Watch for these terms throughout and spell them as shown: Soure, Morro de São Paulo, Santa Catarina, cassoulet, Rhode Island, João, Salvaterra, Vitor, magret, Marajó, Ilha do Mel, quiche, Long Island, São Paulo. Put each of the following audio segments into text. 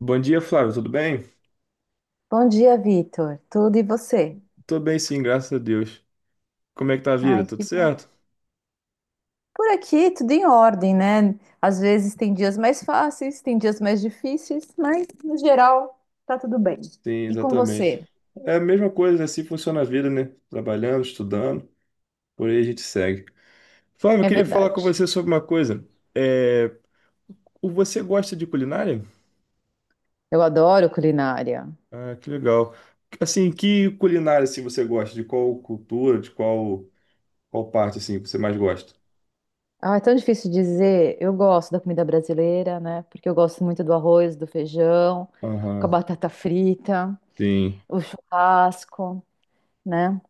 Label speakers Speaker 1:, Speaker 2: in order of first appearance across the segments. Speaker 1: Bom dia, Flávio, tudo bem?
Speaker 2: Bom dia, Vitor. Tudo e você?
Speaker 1: Tô bem sim, graças a Deus. Como é que tá a vida?
Speaker 2: Ai,
Speaker 1: Tudo
Speaker 2: que bom.
Speaker 1: certo?
Speaker 2: Por aqui, tudo em ordem, né? Às vezes tem dias mais fáceis, tem dias mais difíceis, mas no geral tá tudo bem.
Speaker 1: Sim,
Speaker 2: E com
Speaker 1: exatamente.
Speaker 2: você?
Speaker 1: É a mesma coisa, assim funciona a vida, né? Trabalhando, estudando, por aí a gente segue. Flávio, eu
Speaker 2: É
Speaker 1: queria falar com
Speaker 2: verdade.
Speaker 1: você sobre uma coisa. É, você gosta de culinária?
Speaker 2: Eu adoro culinária.
Speaker 1: Ah, que legal. Assim, que culinária assim, você gosta? De qual cultura, de qual, qual parte assim, você mais gosta?
Speaker 2: Ah, é tão difícil dizer. Eu gosto da comida brasileira, né? Porque eu gosto muito do arroz, do feijão, com a
Speaker 1: Aham,
Speaker 2: batata frita,
Speaker 1: sim.
Speaker 2: o churrasco, né?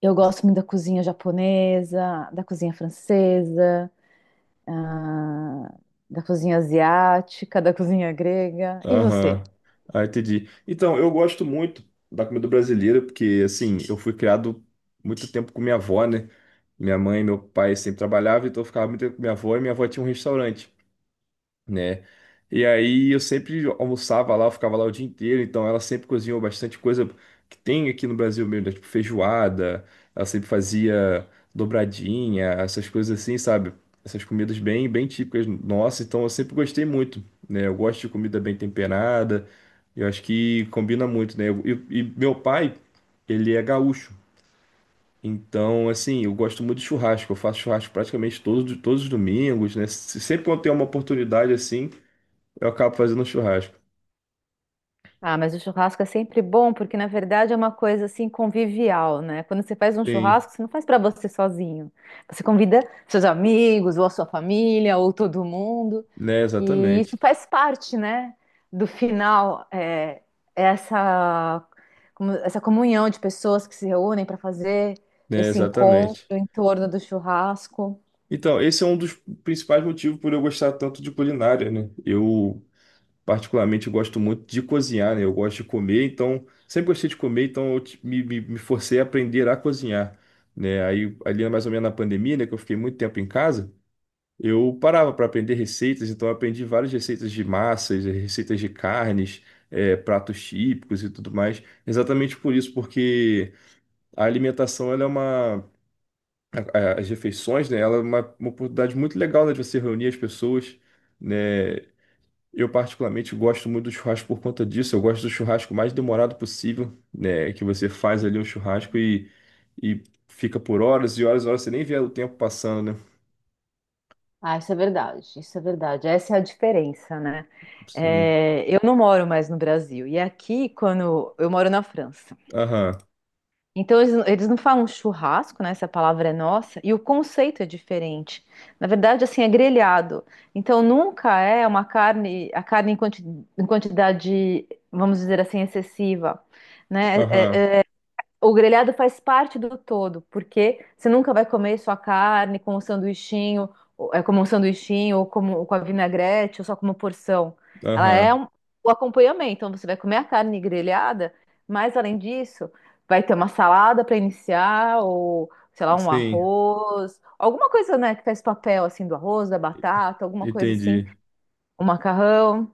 Speaker 2: Eu gosto muito da cozinha japonesa, da cozinha francesa. ah, Da cozinha asiática, da cozinha grega. E você?
Speaker 1: Aham. Ah, entendi. Então, eu gosto muito da comida brasileira, porque, assim, eu fui criado muito tempo com minha avó, né? Minha mãe e meu pai sempre trabalhavam, então eu ficava muito tempo com minha avó, e minha avó tinha um restaurante, né? E aí eu sempre almoçava lá, eu ficava lá o dia inteiro, então ela sempre cozinhou bastante coisa que tem aqui no Brasil mesmo, né? Tipo feijoada, ela sempre fazia dobradinha, essas coisas assim, sabe? Essas comidas bem, bem típicas nossas, então eu sempre gostei muito, né? Eu gosto de comida bem temperada, eu acho que combina muito, né? E meu pai, ele é gaúcho. Então, assim, eu gosto muito de churrasco. Eu faço churrasco praticamente todos os domingos, né? Sempre quando tem uma oportunidade assim, eu acabo fazendo um churrasco.
Speaker 2: Ah, mas o churrasco é sempre bom, porque na verdade é uma coisa assim convivial, né? Quando você faz um
Speaker 1: Sim,
Speaker 2: churrasco, você não faz para você sozinho. Você convida seus amigos, ou a sua família, ou todo mundo.
Speaker 1: né?
Speaker 2: E
Speaker 1: Exatamente.
Speaker 2: isso faz parte, né? Do final, é essa, essa comunhão de pessoas que se reúnem para fazer
Speaker 1: Né?
Speaker 2: esse encontro
Speaker 1: Exatamente.
Speaker 2: em torno do churrasco.
Speaker 1: Então, esse é um dos principais motivos por eu gostar tanto de culinária, né? Eu, particularmente, gosto muito de cozinhar, né? Eu gosto de comer, então, sempre gostei de comer, então eu te- me forcei a aprender a cozinhar, né? Aí, ali mais ou menos na pandemia, né, que eu fiquei muito tempo em casa, eu parava para aprender receitas, então eu aprendi várias receitas de massas, receitas de carnes, pratos típicos e tudo mais, exatamente por isso, porque a alimentação, as refeições, né? Ela é uma oportunidade muito legal, né, de você reunir as pessoas, né? Eu particularmente gosto muito do churrasco por conta disso. Eu gosto do churrasco mais demorado possível, né? Que você faz ali um churrasco e fica por horas e horas e horas, você nem vê o tempo passando, né?
Speaker 2: Ah, isso é verdade, isso é verdade. Essa é a diferença, né?
Speaker 1: Sim.
Speaker 2: É, eu não moro mais no Brasil. E aqui, quando eu moro na França.
Speaker 1: Aham,
Speaker 2: Então, eles não falam churrasco, né? Essa palavra é nossa. E o conceito é diferente. Na verdade, assim, é grelhado. Então, nunca é uma carne, a carne em em quantidade, vamos dizer assim, excessiva, né? É,
Speaker 1: aham,
Speaker 2: o grelhado faz parte do todo, porque você nunca vai comer sua carne com um sanduichinho, como um sanduichinho, ou com a vinagrete, ou só como porção. Ela é
Speaker 1: aham.
Speaker 2: o acompanhamento, então você vai comer a carne grelhada, mas além disso, vai ter uma salada para iniciar, ou sei lá, um
Speaker 1: Sim,
Speaker 2: arroz, alguma coisa, né, que faz papel assim do arroz, da batata, alguma coisa assim,
Speaker 1: entendi.
Speaker 2: um macarrão.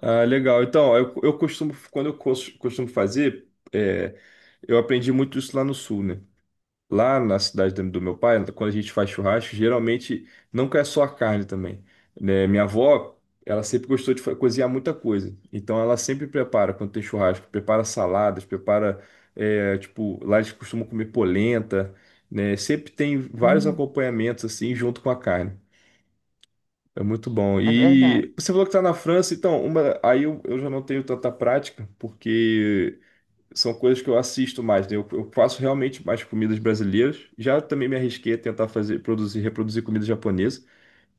Speaker 1: Ah, legal. Então, eu costumo, quando costumo fazer, é, eu aprendi muito isso lá no sul, né? Lá na cidade do meu pai, quando a gente faz churrasco, geralmente não é só a carne também. Né? Minha avó, ela sempre gostou de cozinhar muita coisa. Então ela sempre prepara, quando tem churrasco, prepara saladas, prepara, é, tipo, lá eles costumam comer polenta, né? Sempre tem vários
Speaker 2: Hum,
Speaker 1: acompanhamentos assim junto com a carne. É muito bom.
Speaker 2: É verdade.
Speaker 1: E você falou que está na França, então, uma, aí eu já não tenho tanta prática, porque são coisas que eu assisto mais, né? Eu faço realmente mais comidas brasileiras. Já também me arrisquei a tentar fazer, produzir, reproduzir comida japonesa.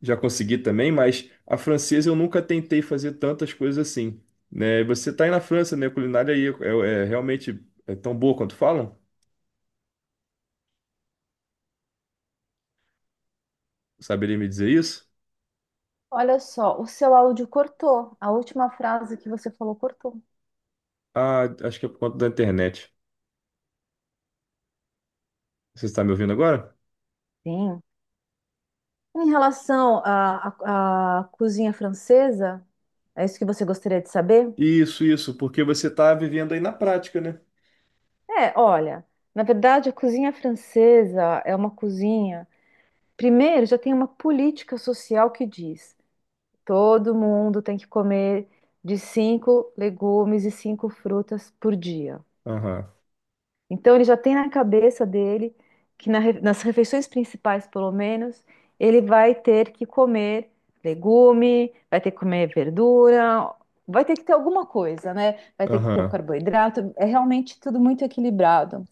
Speaker 1: Já consegui também, mas a francesa eu nunca tentei fazer tantas coisas assim, né? Você tá aí na França, né? A culinária aí é, é realmente é tão boa quanto falam? Saberia me dizer isso?
Speaker 2: Olha só, o seu áudio cortou. A última frase que você falou cortou.
Speaker 1: Ah, acho que é por conta da internet. Você está me ouvindo agora?
Speaker 2: Sim. Em relação à cozinha francesa, é isso que você gostaria de saber?
Speaker 1: Isso, porque você tá vivendo aí na prática, né?
Speaker 2: É, olha, na verdade, a cozinha francesa é uma cozinha. Primeiro, já tem uma política social que diz: todo mundo tem que comer de cinco legumes e cinco frutas por dia.
Speaker 1: Aham,
Speaker 2: Então ele já tem na cabeça dele que nas refeições principais, pelo menos, ele vai ter que comer legume, vai ter que comer verdura, vai ter que ter alguma coisa, né? Vai ter que ter o
Speaker 1: aham.
Speaker 2: carboidrato. É realmente tudo muito equilibrado.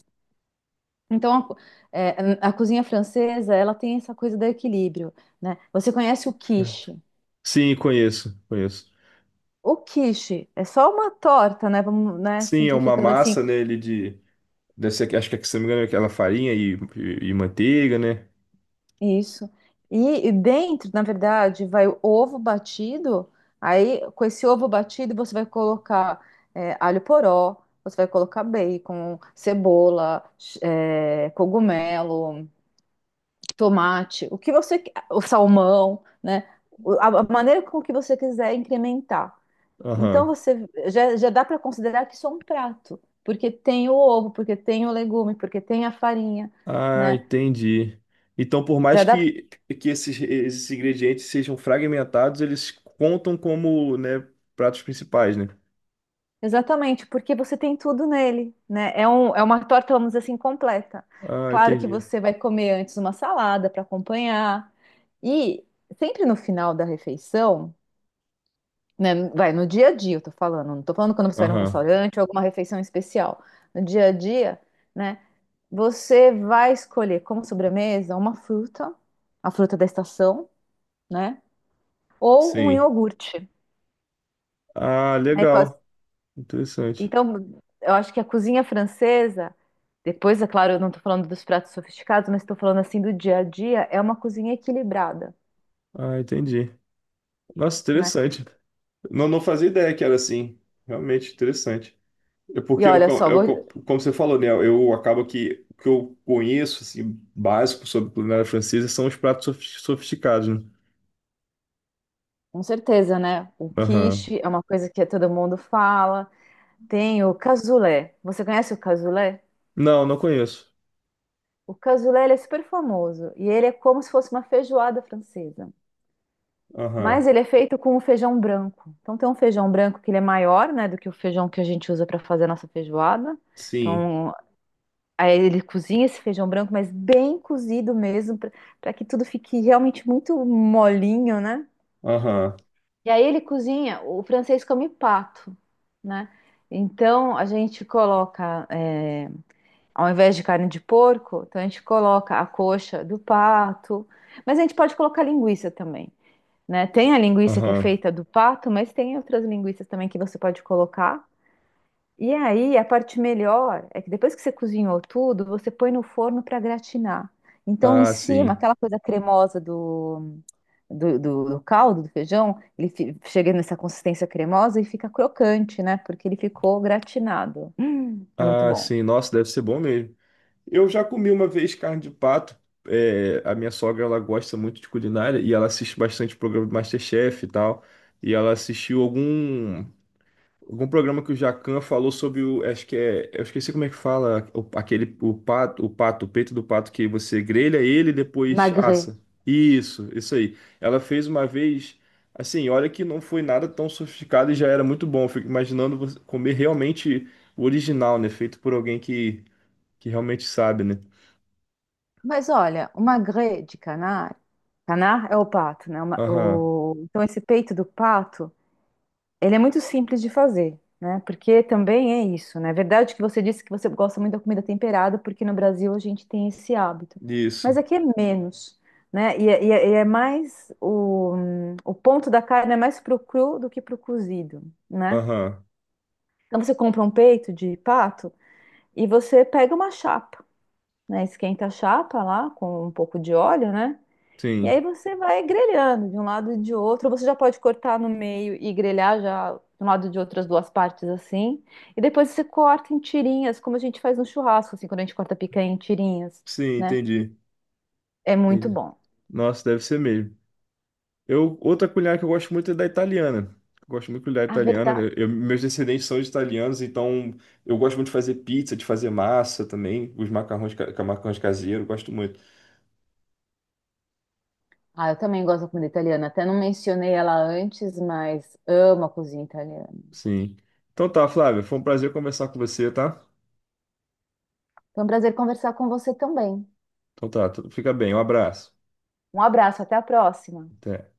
Speaker 2: Então é, a cozinha francesa, ela tem essa coisa do equilíbrio, né? Você conhece o
Speaker 1: Certo.
Speaker 2: quiche?
Speaker 1: Sim, conheço, conheço.
Speaker 2: O quiche é só uma torta, né? Vamos, né,
Speaker 1: Sim, é uma
Speaker 2: simplificando assim.
Speaker 1: massa, né, ele de deve ser, acho que, se não me engano, é aquela farinha e manteiga, né?
Speaker 2: Isso. E dentro, na verdade, vai o ovo batido. Aí, com esse ovo batido, você vai colocar alho poró, você vai colocar bacon, cebola, cogumelo, tomate, o que você, o salmão, né? A maneira com que você quiser incrementar. Então,
Speaker 1: Aham.
Speaker 2: você já dá para considerar que isso é um prato, porque tem o ovo, porque tem o legume, porque tem a farinha,
Speaker 1: Ah,
Speaker 2: né?
Speaker 1: entendi. Então, por mais
Speaker 2: Já dá.
Speaker 1: que esses, esses ingredientes sejam fragmentados, eles contam como, né, pratos principais, né?
Speaker 2: Exatamente, porque você tem tudo nele, né? É, é uma torta, vamos dizer assim, completa.
Speaker 1: Ah,
Speaker 2: Claro que
Speaker 1: entendi.
Speaker 2: você vai comer antes uma salada para acompanhar. E sempre no final da refeição, né? Vai no dia a dia, eu tô falando, não tô falando quando você vai num
Speaker 1: Aham,
Speaker 2: restaurante ou alguma refeição especial. No dia a dia, né? Você vai escolher como sobremesa uma fruta, a fruta da estação, né? Ou um
Speaker 1: sim.
Speaker 2: iogurte,
Speaker 1: Ah,
Speaker 2: né?
Speaker 1: legal. Interessante.
Speaker 2: Então, eu acho que a cozinha francesa, depois, é claro, eu não estou falando dos pratos sofisticados, mas estou falando assim do dia a dia, é uma cozinha equilibrada,
Speaker 1: Ah, entendi. Nossa,
Speaker 2: né?
Speaker 1: interessante. Não, não fazia ideia que era assim. Realmente interessante. É
Speaker 2: E
Speaker 1: porque
Speaker 2: olha só,
Speaker 1: como você falou, né? Eu acabo que o que eu conheço, assim, básico sobre culinária francesa são os pratos sofisticados, né?
Speaker 2: com certeza, né? O
Speaker 1: Aham.
Speaker 2: quiche é uma coisa que todo mundo fala. Tem o cassoulet. Você conhece o cassoulet?
Speaker 1: Não, não conheço.
Speaker 2: O cassoulet, ele é super famoso e ele é como se fosse uma feijoada francesa.
Speaker 1: Aham.
Speaker 2: Mas ele é feito com o feijão branco. Então tem um feijão branco que ele é maior, né, do que o feijão que a gente usa para fazer a nossa feijoada.
Speaker 1: Sim.
Speaker 2: Então, aí ele cozinha esse feijão branco, mas bem cozido mesmo, para que tudo fique realmente muito molinho, né?
Speaker 1: Aham.
Speaker 2: E aí ele cozinha, o francês come pato, né? Então a gente coloca, ao invés de carne de porco, então a gente coloca a coxa do pato, mas a gente pode colocar linguiça também, né? Tem a linguiça que é
Speaker 1: Aham.
Speaker 2: feita do pato, mas tem outras linguiças também que você pode colocar. E aí, a parte melhor é que depois que você cozinhou tudo, você põe no forno para gratinar. Então, em
Speaker 1: Ah,
Speaker 2: cima,
Speaker 1: sim.
Speaker 2: aquela coisa cremosa do caldo, do feijão, ele chega nessa consistência cremosa e fica crocante, né? Porque ele ficou gratinado. É muito
Speaker 1: Ah,
Speaker 2: bom.
Speaker 1: sim. Nossa, deve ser bom mesmo. Eu já comi uma vez carne de pato. É, a minha sogra, ela gosta muito de culinária e ela assiste bastante programa do MasterChef e tal. E ela assistiu algum. Algum programa que o Jacan falou sobre o. Acho que é. Eu esqueci como é que fala. O, aquele. O pato, o pato, o peito do pato que você grelha ele e depois
Speaker 2: Magret.
Speaker 1: assa. Isso aí. Ela fez uma vez. Assim, olha que não foi nada tão sofisticado e já era muito bom. Eu fico imaginando você comer realmente o original, né? Feito por alguém que realmente sabe, né?
Speaker 2: Mas olha, o magret de canar, canar é o pato, né? O ma-
Speaker 1: Aham.
Speaker 2: o- então, esse peito do pato. Ele é muito simples de fazer, né? Porque também é isso, né? É verdade que você disse que você gosta muito da comida temperada, porque no Brasil a gente tem esse hábito. Mas
Speaker 1: Isso.
Speaker 2: aqui é menos, né? E é mais o ponto da carne é mais pro cru do que pro cozido, né?
Speaker 1: Aham.
Speaker 2: Então você compra um peito de pato e você pega uma chapa, né? Esquenta a chapa lá com um pouco de óleo, né? E aí
Speaker 1: Sim.
Speaker 2: você vai grelhando de um lado e de outro. Você já pode cortar no meio e grelhar já de um lado e de outras duas partes assim. E depois você corta em tirinhas, como a gente faz no churrasco, assim, quando a gente corta picanha em tirinhas,
Speaker 1: Sim,
Speaker 2: né?
Speaker 1: entendi.
Speaker 2: É muito
Speaker 1: Entendi.
Speaker 2: bom.
Speaker 1: Nossa, deve ser mesmo. Eu, outra culinária que eu gosto muito é da italiana. Eu gosto muito de culinária
Speaker 2: A
Speaker 1: italiana,
Speaker 2: verdade.
Speaker 1: né? Meus descendentes são de italianos, então eu gosto muito de fazer pizza, de fazer massa também, os macarrões, macarrões caseiros, gosto muito.
Speaker 2: Ah, eu também gosto da comida italiana. Até não mencionei ela antes, mas amo a cozinha italiana.
Speaker 1: Sim. Então tá, Flávio, foi um prazer conversar com você, tá?
Speaker 2: Foi um prazer conversar com você também.
Speaker 1: Então tá, fica bem, um abraço.
Speaker 2: Um abraço, até a próxima.
Speaker 1: Até.